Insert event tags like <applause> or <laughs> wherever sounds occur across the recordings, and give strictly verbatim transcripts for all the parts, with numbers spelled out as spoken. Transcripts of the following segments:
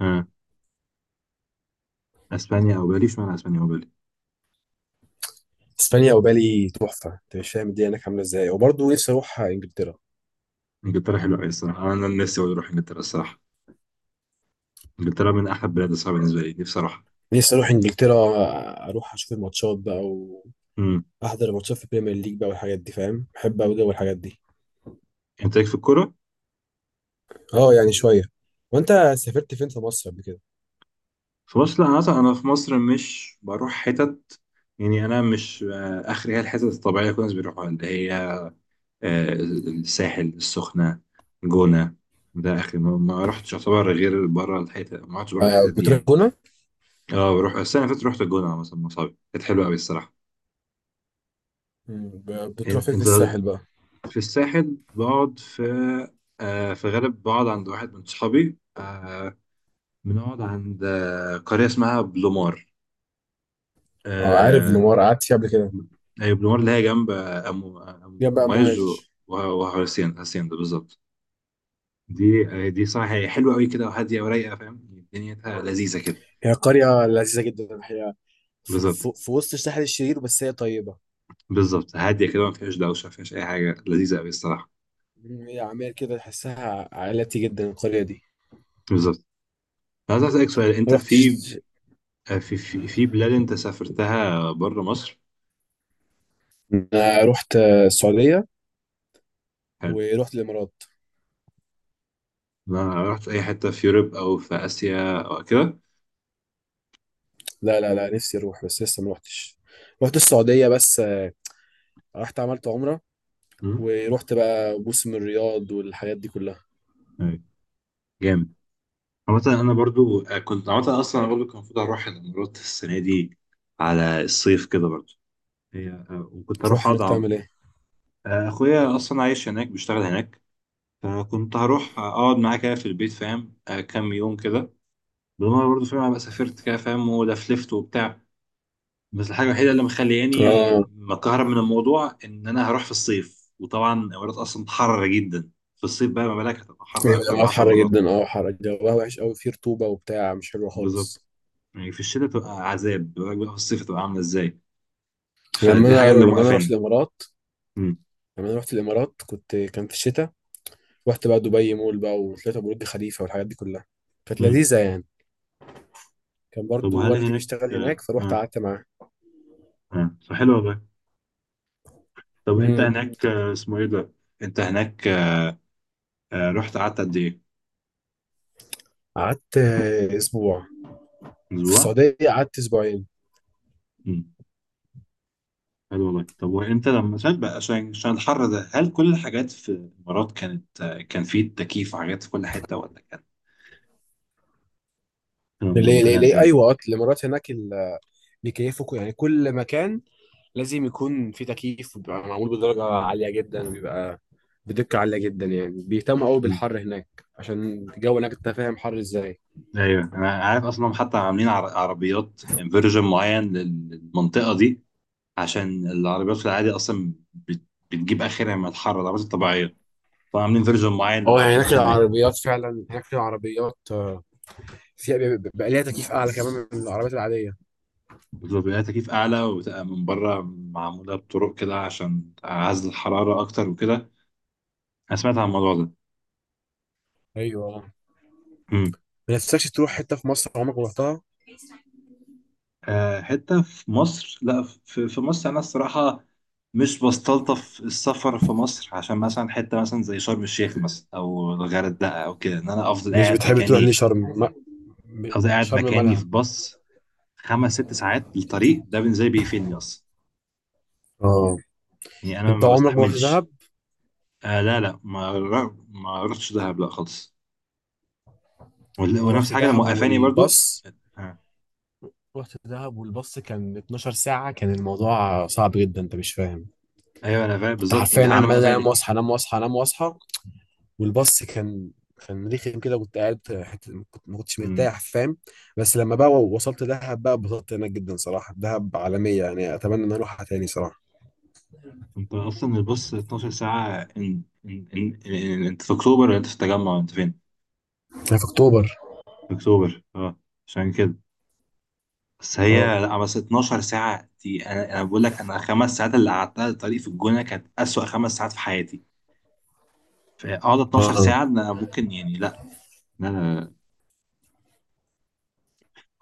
ها. اسبانيا او بالي؟ اشمعنى اسبانيا او بالي؟ اسبانيا وبالي تحفه، انت مش فاهم الدنيا هناك عامله ازاي، وبرضه نفسي اروح انجلترا. انجلترا حلوه قوي الصراحه، انا نفسي أوي اروح انجلترا الصراحه. انجلترا من احلى البلاد الصراحه بالنسبه لي دي بصراحه. نفسي اروح انجلترا، اروح اشوف الماتشات بقى امم. واحضر الماتشات في البريمير ليج بقى والحاجات دي، فاهم؟ بحب قوي جو الحاجات دي. انت ليك في الكوره؟ اه يعني شويه. وانت سافرت فين في مصر قبل كده؟ في مصر لا، انا أصلاً انا في مصر مش بروح حتت، يعني انا مش آه، اخري، هي الحتت الطبيعيه اللي كل الناس بيروحوها، اللي هي آه، الساحل، السخنه، الجونه، ده اخري ما ما رحتش. يعتبر غير بره الحتت ما رحتش بره آه، الحتت دي بتروح يعني. هنا. اه، بروح السنه اللي فاتت رحت الجونه مثلا مع صحابي، كانت حلوه قوي الصراحه. مم، ب- بتروح إن- فين في انت الساحل بقى؟ في الساحل بقعد في آه في غالب بقعد عند واحد من صحابي. آه بنقعد عند آه قرية اسمها بلومار. اه عارف آه. منوار، قعدت فيها قبل كده. أيوة، بلومار اللي هي جنب آه، أم يا أم- بقى أمواج و- مواج. وه- وهرسين، هرسين ده بالظبط. دي آه دي صراحة هي حلوة أوي كده، وهادية ورايقة، فاهم دنيتها لذيذة كده. هي قريه لذيذه جدا الحقيقه، ف- بالظبط. ف- في وسط الساحل الشرير، بس هي طيبه. بالظبط، هادية كده، ما فيهاش دوشة، ما فيهاش أي حاجة، لذيذة أوي الصراحة. مم، هي عمال كده تحسها عائلتي جدا القريه دي. بالظبط. أنا عايز أسألك سؤال، أنت ما رحتش. في آه، في في في بلاد أنت سافرتها بره مصر؟ انا رحت السعوديه ورحت الامارات. ما رحت اي حته في يوروب او في اسيا او كده؟ لا لا لا، نفسي اروح بس لسه ما رحتش. رحت السعوديه بس، آه، رحت عملت عمره، مم. ورحت بقى موسم الرياض والحاجات دي كلها. أيوة. جامد. عامة انا برضو آه، كنت عامة اصلا أنا برضو كان المفروض اروح الامارات السنه دي، على الصيف كده برضو. هي آه، وكنت اروح تروح اقعد هناك عم- تعمل ايه؟ آه، اخويا اصلا عايش هناك، بيشتغل هناك، فكنت هروح اقعد معاه كده في البيت، فاهم، آه، كام يوم كده، بالمره برضو فاهم، ابقى سافرت كده فاهم، ولفلفت وبتاع. بس الحاجة الوحيدة اللي مخلياني اه مكهرب من الموضوع إن أنا هروح في الصيف، وطبعا الإمارات أصلا حر جدا في الصيف، بقى ما بالك، هتبقى حر ايوه، أكتر الامارات بعشر حر مرات. جدا، اه حر جواها وحش قوي، فيه رطوبه وبتاع، مش حلو بالظبط. خالص. يعني في الشتاء تبقى عذاب، ما بالك بقى في الصيف تبقى عاملة إزاي. لما فدي حاجة انا اللي لما انا رحت موقفاني. الامارات مم. لما انا رحت الامارات كنت، كان في الشتاء. رحت بقى دبي مول بقى، وطلعت أبو برج خليفه والحاجات دي كلها. كانت مم. لذيذه يعني. كان طب برضو وهل والدي هناك، بيشتغل آه. هناك، فروحت آه. قعدت معاه. آه. فحلو والله. طب انت هناك آه، اسمه ايه ده، أنت هناك، آه، رحت قعدت قد إيه؟ قعدت، آه، اسبوع. في اسبوع. السعوديه قعدت اسبوعين. حلو والله. طب وانت لما سافرت بقى، عشان عشان الحر ده هل كل الحاجات في الامارات كانت، كان في تكييف وحاجات في كل حته، ولا كان، كانوا ليه ليه مظبطينها ليه ازاي؟ ايوه، آه، الامارات هناك ال- بيكيفوا كو- يعني كل مكان لازم يكون فيه تكييف، وبيبقى معمول بدرجه عاليه جدا، وبيبقى بدقه عاليه جدا يعني. بيهتموا قوي مم. بالحر هناك عشان الجو هناك، انت فاهم حر ازاي. ايوه انا عارف اصلا، حتى عاملين عر- عربيات فيرجن معين لل- للمنطقه دي، عشان العربيات في العادي اصلا بت- بتجيب اخرها من الحر، العربيات الطبيعيه، فعاملين فيرجن معين اه يعني هناك للعربيات هناك. العربيات، فعلا هناك في عربيات، آه، فيها بيبقى بيبقى ليها تكييف اعلى كمان من العربيات العاديه. بتبقى لها تكييف اعلى، وتبقى من بره معموله بطرق كده عشان تعزل الحراره اكتر وكده. انا سمعت عن الموضوع ايوه. ده. ما نفسكش تروح حته في مصر عمرك ما رحتها؟ آه، حتة في مصر، لا، في في مصر أنا الصراحة مش بستلطف السفر في مصر، عشان مثلا حتة مثلا زي شرم الشيخ مثلا أو الغردقة أو كده، إن أنا أفضل مش قاعد بتحب تروح ليه مكاني. شرم ما... أفضل قاعد شرم مكاني، في مالها؟ باص خمس ست ساعات، الطريق ده بالنسبة لي بيقفلني أصلا، اه، يعني أنا انت ما عمرك ما رحت دهب؟ بستحملش. آه، لا لا، ما ر- ما رحتش دهب لا خالص. وال- انا ونفس رحت حاجة اللي دهب، موقفاني برضو. والباص، آه. رحت دهب والباص كان 12 ساعة، كان الموضوع صعب جدا، انت مش فاهم. أيوه أنا فاهم كنت بالظبط، دي حرفيا حاجة اللي عمال انام موقفاني. واصحى، انام واصحى، انام واصحى، والباص كان، كان رخم كده، كنت قاعد حتة، كنت ما كنتش مرتاح، فاهم. بس لما بقى وصلت دهب بقى اتبسطت هناك جدا صراحة، دهب عالمية يعني، اتمنى ان أنا اروحها تاني صراحة. انت اصلا الباص اتناشر ساعة، ان ان ان ان- انت في اكتوبر ولا انت في التجمع، انت فين؟ هي في اكتوبر. في اكتوبر، اه، عشان كده. بس اه. هي لا، بس اتناشر ساعة دي، انا انا بقول لك، انا الخمس ساعات اللي قعدتها الطريق في الجونة كانت اسوأ خمس ساعات في حياتي، فاقعد اه. اتناشر اه. ساعة، انا ممكن يعني، لا. لا لا.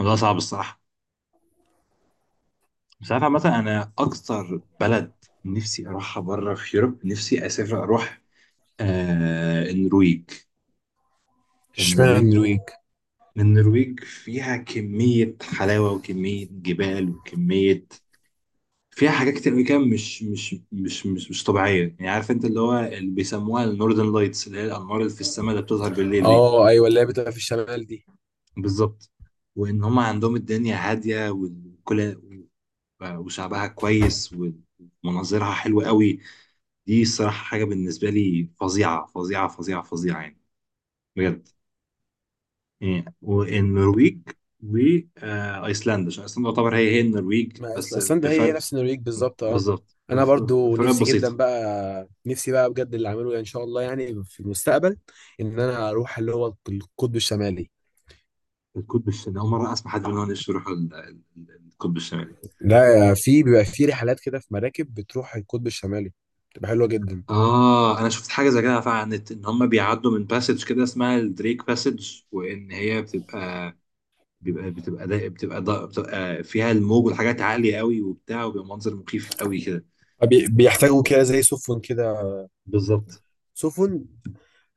الموضوع صعب الصراحة. بس عارف مثلا، انا اكتر بلد نفسي اروحها بره في يوروب، نفسي اسافر اروح آه النرويج. اشمعنى النرويج. النرويج؟ النرويج فيها كمية حلاوة وكمية جبال وكمية، فيها حاجات كتير أوي كده، مش مش مش مش مش طبيعية يعني. عارف أنت اللي هو اللي بيسموها النوردن لايتس، اللي هي الأنوار اللي في السماء اللي بتظهر بالليل دي. اه ايوه، اللي هي بتبقى في الشمال دي. بالظبط. وإن هم عندهم الدنيا هادية، والكل، وشعبها كويس، ومناظرها حلوة أوي. دي الصراحة حاجة بالنسبة لي فظيعة فظيعة فظيعة فظيعة يعني، بجد. يعني والنرويج وايسلندا، عشان ايسلندا تعتبر هي هي النرويج ما أصل- بس ايسلندا هي هي بفرق. نفس النرويج بالظبط، اه. بالظبط. انا وف- برضو فرقات نفسي جدا بسيطه. بقى، نفسي بقى بجد اللي اعمله ان شاء الله يعني في المستقبل، ان انا اروح اللي هو القطب الشمالي. القطب الشمالي، اول مره اسمع حد بيقول ان هو نفسه يروح ال- ال- القطب الشمالي. لا، في بيبقى في رحلات كده، في مراكب بتروح القطب الشمالي، بتبقى حلوه جدا. اه انا شفت حاجه زي كده فعلا على النت، ان هم بيعدوا من باسج كده اسمها الدريك باسج، وان هي بتبقى، بيبقى بتبقى ده بتبقى ده بتبقى فيها الموج والحاجات عاليه قوي وبتاع، وبيبقى منظر مخيف قوي كده. بي- بيحتاجوا كده زي سفن كده، بالظبط. سفن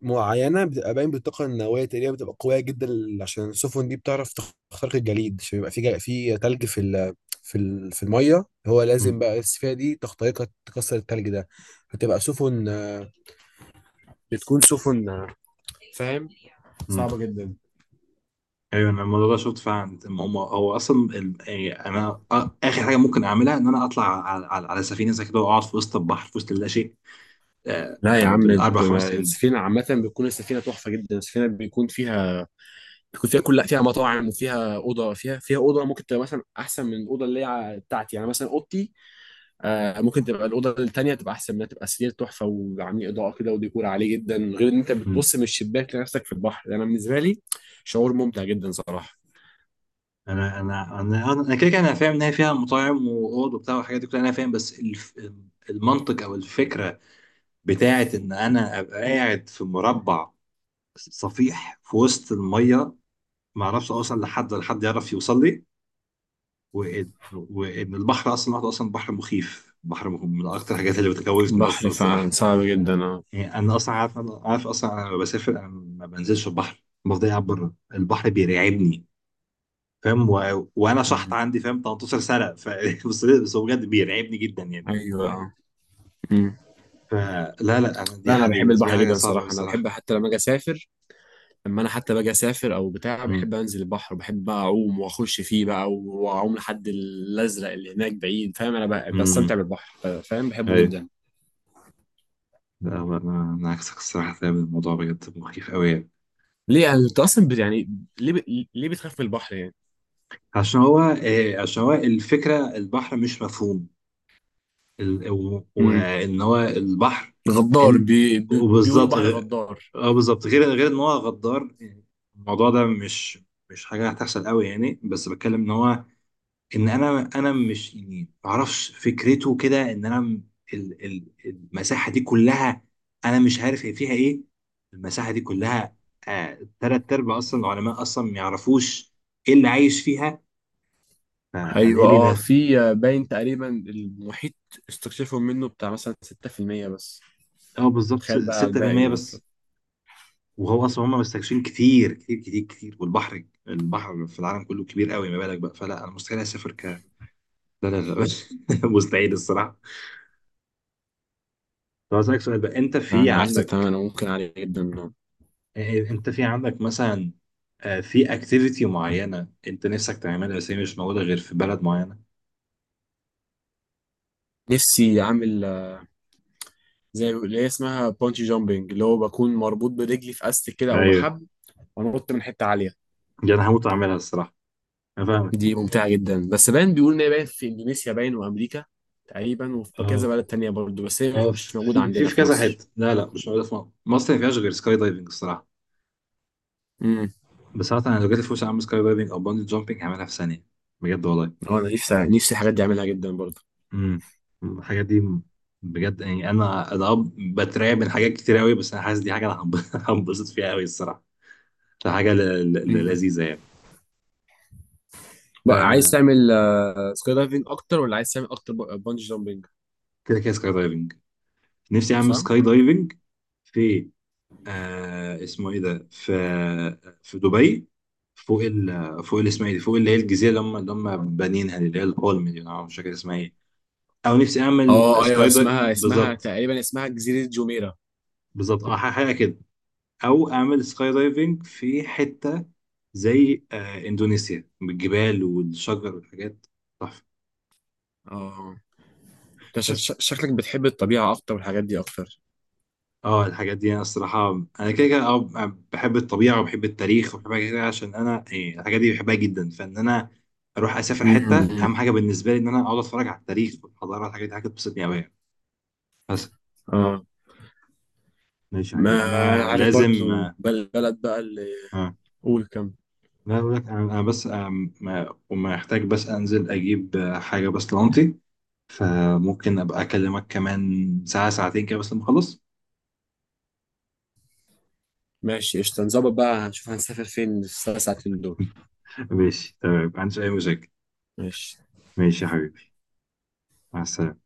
معينه بتبقى باين بالطاقه النوويه تقريبا، بتبقى قويه جدا، ل- عشان السفن دي بتعرف تخترق الجليد، عشان يبقى في جل... في تلج في ال... في ال... في الميه، هو لازم مم. بقى السفينه دي تخترقها، تكسر التلج ده. هتبقى سفن، آه، بتكون سفن، آه، فاهم، صعبه جدا. ايوه انا الموضوع ده شفت فعلا، هم هم- هو اصلا ال- يعني انا آ- اخر حاجه ممكن اعملها ان انا اطلع على، على، على سفينه زي كده، واقعد في وسط البحر في وسط اللا شيء، آه، لا يا آه، عم، بت- بالاربع خمس ايام. السفينه عامه بتكون السفينه تحفه جدا، السفينه بيكون فيها بيكون فيها كل، لا فيها مطاعم وفيها اوضه، فيها فيها اوضه ممكن تبقى مثلا احسن من الاوضه اللي هي بتاعتي يعني، مثلا اوضتي، آه، ممكن تبقى الاوضه التانيه تبقى احسن منها، تبقى سرير تحفه، وعاملين اضاءه كده، وديكور عالي جدا، غير ان انت مم. بتبص من الشباك لنفسك في البحر. انا يعني بالنسبه لي، شعور ممتع جدا صراحه. انا انا انا انا كده كده انا فاهم ان هي فيها مطاعم واوض وبتاع والحاجات دي كلها، انا فاهم، بس الف، المنطق او الفكره بتاعت ان انا ابقى قاعد في مربع صفيح في وسط الميه، ما اعرفش اوصل لحد ولا حد يعرف يوصل لي، وان وان البحر اصلا لوحده اصلا بحر مخيف، بحر مخ- من اكتر الحاجات اللي بتخوفني اصلا البحر فعلا الصراحه. صعب جدا، اه. يعني انا اصلا عارف، انا عارف اصلا، انا لما بسافر انا ما بنزلش البحر، بفضل قاعد بره، البحر بيرعبني فاهم، و... وانا شحط مم. عندي فاهم، تلتاشر سنه ف... <laughs> بس بس هو بجد بيرعبني جدا يعني. ايوه، اه. مم. فلا لا، انا دي لا انا دي بحب بالنسبه لي البحر حاجه جدا صعبه قوي صراحه، انا الصراحه. بحب حتى لما اجي اسافر، لما انا حتى باجي اسافر او بتاع، امم. بحب انزل البحر، بحب بقى اعوم واخش فيه بقى، واعوم لحد الازرق اللي هناك بعيد، فاهم. انا بقى امم. بستمتع بالبحر، فاهم، بحبه ايوه. جدا. لا هو انا، انا عكسك الصراحه فاهم، الموضوع بجد مخيف قوي يعني. ليه يعني، انت اصلا بت- يعني، ليه ب... ليه بتخاف من البحر؟ عشان هو آه، عشان هو الفكره البحر مش مفهوم، ال- و- يعني وان هو البحر، غدار، انت، بي بي بيقولوا وبالظبط بحر غ- غدار. اه بالظبط، غير غير ان هو غدار يعني، الموضوع ده مش، مش حاجه هتحصل قوي يعني، بس بتكلم ان هو، ان انا انا مش يعني، ما اعرفش، فكرته كده، ان انا م- ال- ال- المساحه دي كلها، انا مش عارف هي فيها ايه، المساحه دي كلها، آه تلات ارباع اصلا العلماء اصلا ما يعرفوش ايه اللي عايش فيها، فانا ايه ايوه لي اه، ناس. في باين تقريبا المحيط استكشفوا منه بتاع مثلا ستة في المية بس، اه بالظبط تخيل بقى على الباقي ستة بالمية بس. بس. وهو اصلا هم مستكشفين كتير كتير كتير كتير، والبحر، البحر في العالم كله كبير قوي، ما بالك بقى، فلا انا مستحيل اسافر، ك لا. لا لا. <laughs> مستحيل الصراحه. طب اسالك سؤال بقى، انت في انا عارف تماما عندك، انا ممكن عليه جدا منه. آه، انت في عندك مثلا، آه، في اكتيفيتي معينه انت نفسك تعملها بس هي مش موجوده غير في بلد معينه؟ نفسي اعمل، آه، زي اللي هي اسمها بونجي جامبنج، اللي هو بكون مربوط برجلي في استك كده او ايوه، بحبل، وانط من حته عاليه. دي انا هموت اعملها الصراحه، انا فاهمك. دي ممتعه جدا، بس باين بيقول ان هي باين في اندونيسيا، باين وامريكا تقريبا، وفي اه كذا بلد تانية برضه، بس هي مش اه، في مش موجوده في عندنا في في كذا مصر. حته، لا لا، مش موجوده في مصر، مصر ما فيهاش غير سكاي دايفنج الصراحه. امم. بس انا لو جات لي فرصه اعمل سكاي دايفنج او باندي جامبنج، هعملها في ثانيه، بجد والله. انا نفسي نفسي الحاجات دي اعملها جدا برضه. امم. الحاجات دي بجد، يعني انا، انا اه، بترعب من حاجات كتير قوي، بس انا حاسس دي حاجه انا هنب- <laughs> هنبسط فيها قوي الصراحه. ده حاجه ل- ل- ل- لذيذه يعني. ف بقى عايز تعمل سكاي دايفنج اكتر ولا عايز تعمل اكتر بانجي جامبنج؟ كده كده سكاي دايفنج، نفسي اعمل صح. سكاي دايفنج في آه اسمه ايه ده، في في دبي، فوق ال فوق ال- اسمها ايه دي، فوق اللي هي الجزيره اللي هم اللي هم بانيينها دي، اللي هي البولم دي، انا مش فاكر اسمها ايه، او نفسي اعمل اه ايوه، سكاي دايفنج اسمها اسمها بالظبط. تقريبا اسمها جزيرة جوميرا. بالظبط اه حاجه كده. او اعمل سكاي دايفنج في حته زي آه اندونيسيا، بالجبال والشجر والحاجات، تحفه. اه، انت ش- بس ش- شكلك بتحب الطبيعة اكتر والحاجات دي اكتر. اه، الحاجات دي انا الصراحه، انا كده كده اه بحب الطبيعه وبحب التاريخ وبحب حاجات كده، عشان انا إيه، الحاجات دي بحبها جدا، فان انا اروح اسافر حته، امم. اهم حاجه بالنسبه لي ان انا اقعد اتفرج على التاريخ والحضاره والحاجات دي، حاجه بتبسطني قوي يعني. بس. اه، ماشي يا ما حبيبي، انا عارف لازم برضو آه بل- بلد بقى اللي، آه. قول كم. لا اقول لك انا، أنا بس آه ما وما احتاج بس انزل اجيب آه، حاجه بس لانتي، فممكن ابقى اكلمك كمان ساعه ساعتين كده بس لما اخلص. ماشي قشطة، نظبط بقى، هنشوف هنسافر فين في الثلاث ساعتين دول. ماشي تمام، ما عنديش أي مشاكل. ماشي ماشي يا حبيبي، مع السلامة.